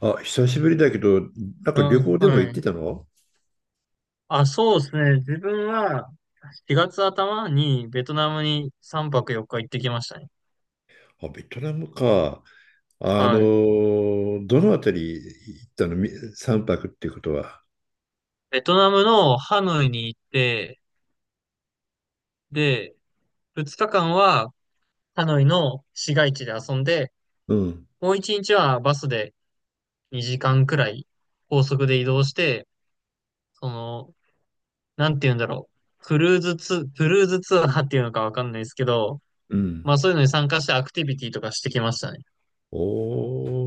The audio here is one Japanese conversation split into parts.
あ、久しぶりだけど、なんうか旅ん、行でもは行ってい。たの？あ、そうですね。自分は4月頭にベトナムに3泊4日行ってきましたね。あ、ベトナムか。はい。どのあたり行ったのみ泊っていうことは？ベトナムのハノイに行って、で、2日間はハノイの市街地で遊んで、うん、もう1日はバスで2時間くらい高速で移動して、その、なんて言うんだろう。クルーズツアーっていうのかわかんないですけど、うん。まあそういうのに参加してアクティビティとかしてきましたね。お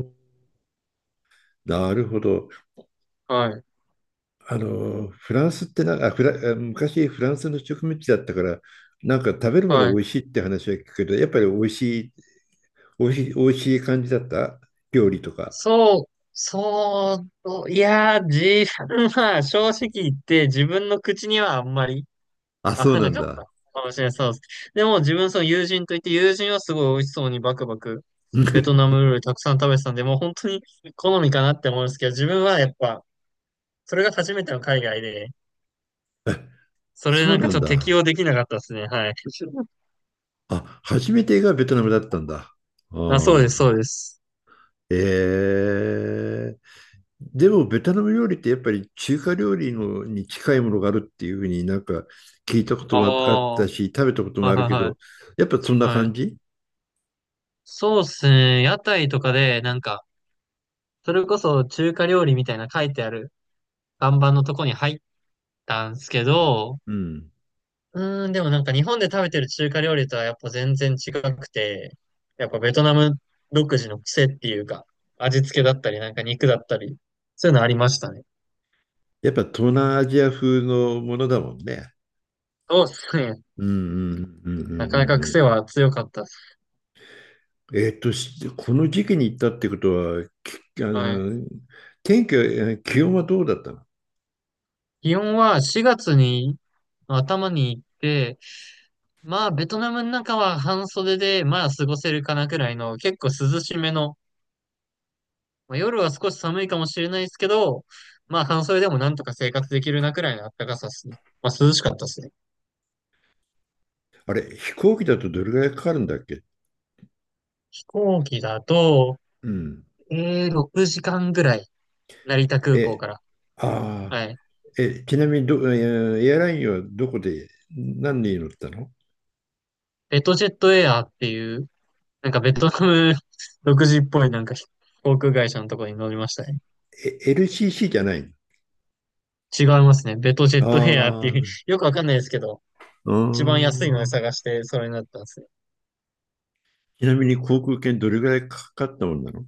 ー、なるほど。はい。フランスってな、あ、フラ、あ昔フランスの植民地だったから、なんか食べるものはい。美味しいって話は聞くけど、やっぱりい、美味しい感じだった料理とか？そう、いやー、自分は 正直言って自分の口にはあんまりあ、合そうわななんかっだ。たかもしれない。そうです。でも自分その友人といって友人はすごい美味しそうにバクバクベトナム 料理たくさん食べてたんで、もう本当に好みかなって思うんですけど、自分はやっぱそれが初めての海外で、あそれそなうんなかちんょっと適応だ。できなかったですね。はい。あ、初めてがベトナムだったんだ。ああ、そうであ。す、そうです。ええ。でも、ベトナム料理ってやっぱり中華料理のに近いものがあるっていうふうになんか聞いたことあもあっあ、はたし、食べたこといもあはるいけはど、い。やっぱそんなは感い。じ？そうですね。屋台とかでなんかそれこそ中華料理みたいな書いてある看板のとこに入ったんですけど、うん。でもなんか日本で食べてる中華料理とはやっぱ全然違くて、やっぱベトナム独自の癖っていうか、味付けだったり、なんか肉だったり、そういうのありましたね。やっぱ東南アジア風のものだもんね。そうですね。うんうんうんうんうなかなかん癖うん。は強かったです。この時期に行ったってことは、きあはい。の、天気は、気温はどうだったの？気温は4月に頭に行って、まあベトナムの中は半袖でまあ過ごせるかなくらいの結構涼しめのまあ、夜は少し寒いかもしれないですけど、まあ半袖でもなんとか生活できるなくらいの暖かさですね。まあ涼しかったですね。あれ、飛行機だとどれぐらいかかるんだっけ？飛行機だと、うん。6時間ぐらい、成田空港え、から。ああ、はい。え、ちなみにど、えーエアラインはどこで、何で乗ったの？ベトジェットエアーっていう、なんかベトナム 独自っぽいなんか航空会社のところに乗りましたね。え、LCC じゃないの？違いますね。ベトジェットエアーっあてあ、いう う よくわかんないですけど、ー一番安いのでん。探してそれになったんですね。ちなみに航空券どれぐらいかかったもんなの？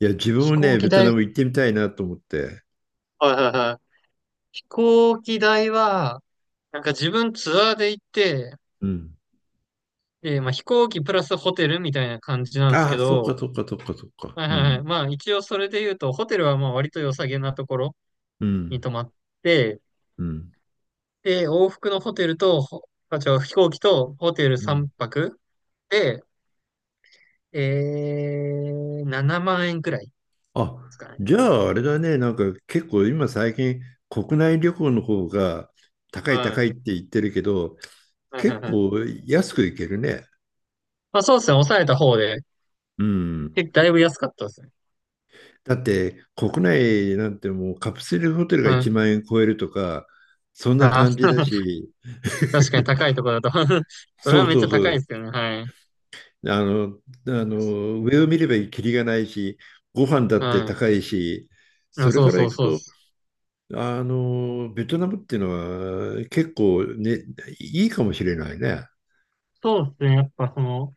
いや、自分飛も行ね、機ベト代、ナム行ってみたいなと思って。はいはいはい。飛行機代は、なんか自分ツアーで行って、うん。で、まあ飛行機プラスホテルみたいな感じなんですあけあ、そうか、ど、そうか、そうか、そうか。はいうはいはい。ん、まあ一応それで言うと、ホテルはまあ割と良さげなところうにん、泊まって、うん、で、往復のホテルと、ほあ、違う、飛行機とホテルうん。3泊で、7万円くらいであ、すかね。じゃああれだね、なんか結構今最近国内旅行の方が高いは高い。いって言ってるけど、はいはい結はい。構安く行けるね。まあそうですね、抑えた方で、うん。だいぶ安かったですね。だって国内なんてもうカプセルホテルがう1ん。万円超えるとか、そんなあ感ー、じだ し、確かに高いところだと それそはうめっそちゃうそ高いでう、すよね。はい。あの、上を見ればキリがないし、ご飯だってはい。高いし、いそや、れそうからそう行くそう。とベトナムっていうのは結構ね、いいかもしれないね。そうですね。やっぱその、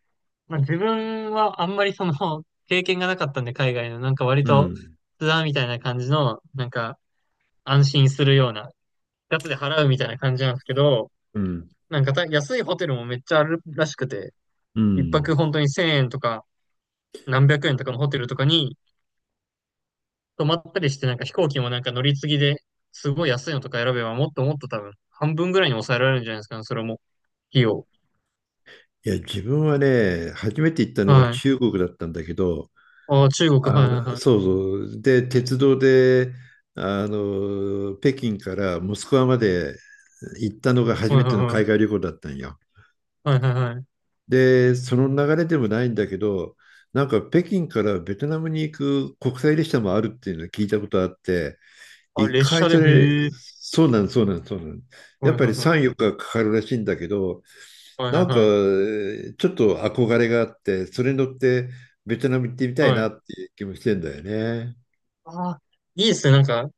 まあ、自分はあんまりその、経験がなかったんで、海外の、なんか割うと、ん、ツアーみたいな感じの、なんか、安心するような、ガツで払うみたいな感じなんですけど、うん、なんか安いホテルもめっちゃあるらしくて、う一ん。泊本当に1000円とか、何百円とかのホテルとかに泊まったりして、なんか飛行機もなんか乗り継ぎで、すごい安いのとか選べば、もっともっと多分、半分ぐらいに抑えられるんじゃないですかね、それも、費用。いや、自分はね、初めて行ったのがはい。中国だったんだけど、ああ、中国、はいはいはい。そうそう。で、鉄道で、北京からモスクワまで行ったのが初はいめはいてのは海い。外旅行だったんよ。はいはいはい。で、その流れでもないんだけど、なんか北京からベトナムに行く国際列車もあるっていうのを聞いたことあって、あ、一列回車で、それ、へえ。そうなん、そうなん、そうなん。やはっいぱはいりは3、い。4日かかかるらしいんだけど、はいはいなんか、えはい。ちょっと憧れがあって、それに乗ってベトナム行ってみたいはい。なっていう気もしてんだよね。ああ、いいですね。なんか、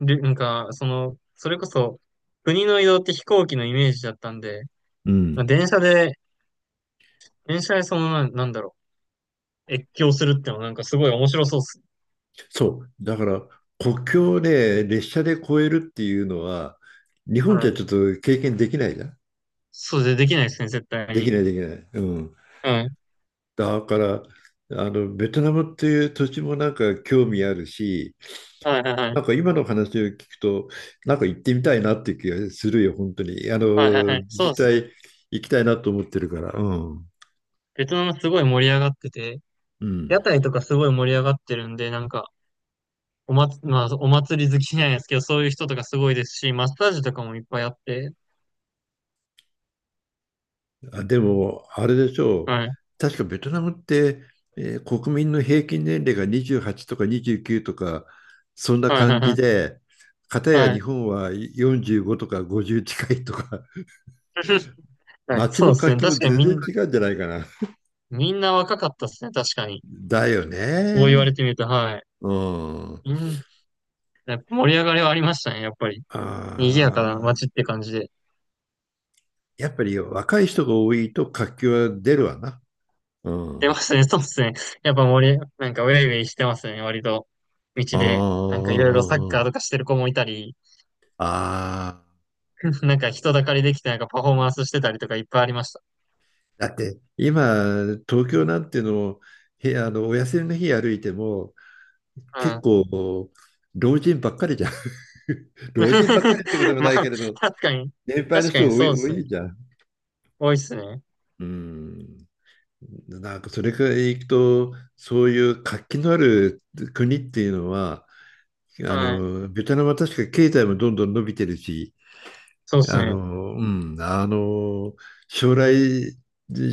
で、なんか、その、それこそ、国の移動って飛行機のイメージだったんで、うまあん。電車で、なんだろう、越境するってのはなんかすごい面白そうっす。そう。だから、国境をね、列車で越えるっていうのは、日本じゃはい。ちょっと経験できないじゃん？できないですね、絶対できに。ない、できない。うん。うん。だから、ベトナムっていう土地もなんか興味あるし、はいはいはない。んか今の話を聞くと、なんか行ってみたいなっていう気がするよ、本当に。はいはいはい。そうっ実す。際行きたいなと思ってるから。うん。ベトナムすごい盛り上がってて、う屋ん。台とかすごい盛り上がってるんで、なんか、おまつ、まあ、お祭り好きじゃないですけど、そういう人とかすごいですし、マッサージとかもいっぱいあって、あ、でも、あれでしょう。はい、確かベトナムって、国民の平均年齢が28とか29とか、そんなはい、はい、感はじい。で、片やは日い 本は45とか50近いとか、はい街そうのです活ね。気確もかに全み然んな、違うんじゃないかな。みんな若かったですね。確かに。だよそう言われね。てみると、はい。うん。あみん、やっぱ盛り上がりはありましたね。やっぱり。賑やかなあ。街って感じで。やっぱり若い人が多いと活気は出るわな。う出まん。すね。そうですね。やっぱなんかウェイウェイしてますね。割と。道あで。なんかいろいろサッカーとあ、かしてる子もいたり、ああ。なんか人だかりできてなんかパフォーマンスしてたりとかいっぱいありました。だって今、東京なんての、お休みの日歩いても、う結ん 構、老人ばっかりじゃん。老人ばっかりってこと もまないあ、けれど、確かに。年配の確か人にが多そい、うで多すね。いじゃん。多いですね。うん。なんかそれからいくと、そういう活気のある国っていうのは、はい。ベトナムは確か経済もどんどん伸びてるし、そうですね。うん、将来、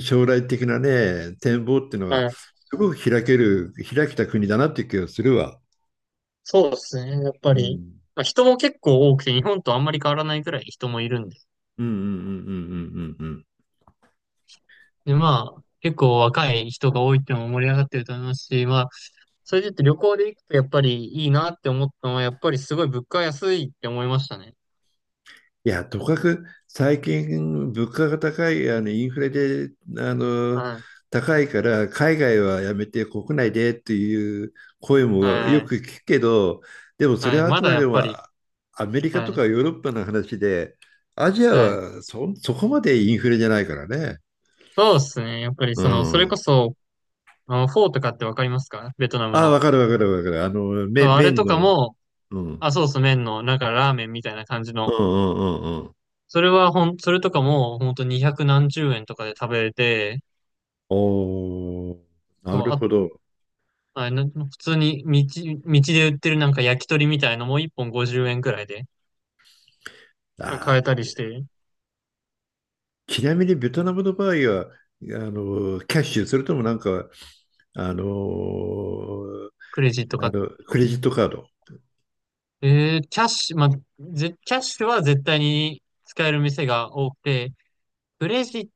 将来的なね、展望っていうのはが、い。すごく開けた国だなっていう気がするわ。そうですね。やっぱうり。ん。まあ、人も結構多くて、日本とあんまり変わらないくらい人もいるんで。うんうんうんうんうんうんうん。で、まあ、結構若い人が多いっていうのも盛り上がってると思いますし、まあ、それで言って旅行で行くとやっぱりいいなって思ったのは、やっぱりすごい物価安いって思いましたね。いや、とかく最近物価が高い、インフレで、あの、はい。高いから海外はやめて国内でっていう声もはよい。く聞くけど、でもそれはい。はあまくだまやでっもぱり。アメリカはとい。かヨーロッパの話で、アジアはい。はそこまでインフレじゃないからね。そうですね。やっぱりうその、それこん。そ、あの、フォーとかってわかりますかベトナムああ、わの。かるわかるわかる。そう、あれ麺とかの、も、うん。うんあ、そうそう、麺の、なんかラーメンみたいな感じうんの。うんうん。それとかも、ほんと200何十円とかで食べれて、おー、そなう、るほあ、ど。あな普通に道で売ってるなんか焼き鳥みたいのも1本50円くらいでなんか買あえたあ。りして、ちなみにベトナムの場合は、キャッシュ、それともなんか、あのクレジットか。クレジットカード。キャッシュ、まあ、キャッシュは絶対に使える店が多くて、クレジッ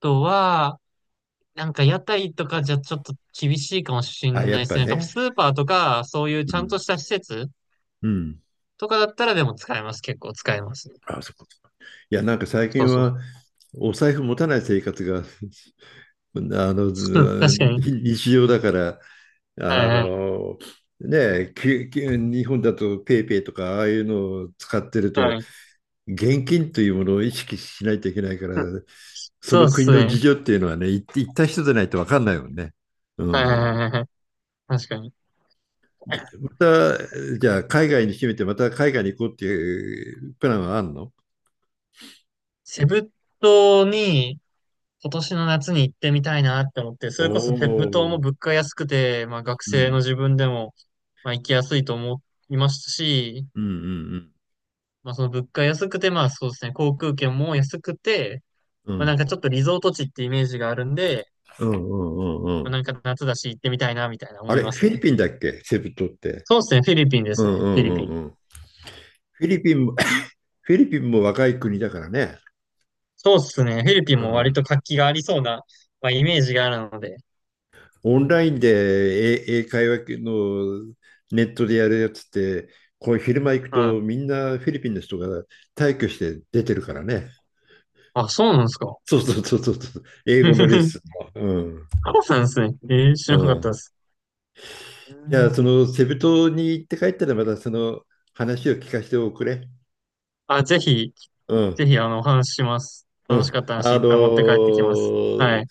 トは、なんか屋台とかじゃちょっと厳しいかもしれあ、やないっですぱね。なんかスね。ーパーとか、そういううちゃんとん。した施設うん。とかだったらでも使えます。結構使えますね。あ、そうか。いや、なんか最そう近そう。は、お財布持たない生活が、あの、うんず確かに。日常だから、はいあはの、ねえ、日本だとペイペイとかああいうのを使ってるいはと、い。現金というものを意識しないといけないから、うんそそうのっ国すの事ね。情っていうのはね、行った人でないと分かんないもんね。うはいはいん。はいはい。確かに。でまた、じゃあ海外に決めて、また海外に行こうっていうプランはあるの？セブ島に今年の夏に行ってみたいなって思って、そおれこそセブ島おー。も物価安くて、まあ学う生ん。の自分でも、まあ行きやすいと思いますし、うんうんまあその物価安くて、まあそうですね、航空券も安くて、うまあなんん。かちょっとリゾート地ってイメージがあるんで、うんうんうんうんまうあん。なんか夏だし行ってみたいなみたいなあ思いれ、ますフィリね。ピンだっけセブ島って？そうですね、フィリピンでうすんね。うフィんリうピんン。うん。フィリピンも、フィリピンも若い国だからね。そうっすね。フィリピンうも割ん。と活気がありそうな、まあ、イメージがあるので。オンラインで英会話のネットでやるやつって、こう昼間行くうん。とみんなフィリピンの人が退去して出てるからね。あ、そうなんですか。そうそうそうそうそう。英語のレッスン の。うん。そうなんですね。知うらなかったでん。す。うじゃあ、んそのセブ島に行って帰ったらまたその話を聞かせておくれ。あ、ぜひ、うぜん。ひ、あの、お話しします。う楽しん。かった話いっぱい持って帰ってきます。はい。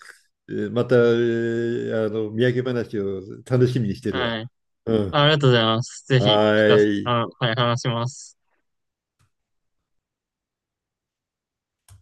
また、土産話を楽しみにしてるわ。はい。うん。ありがとうございます。ぜひ、は聞かせ、ーい。あの、はい、話します。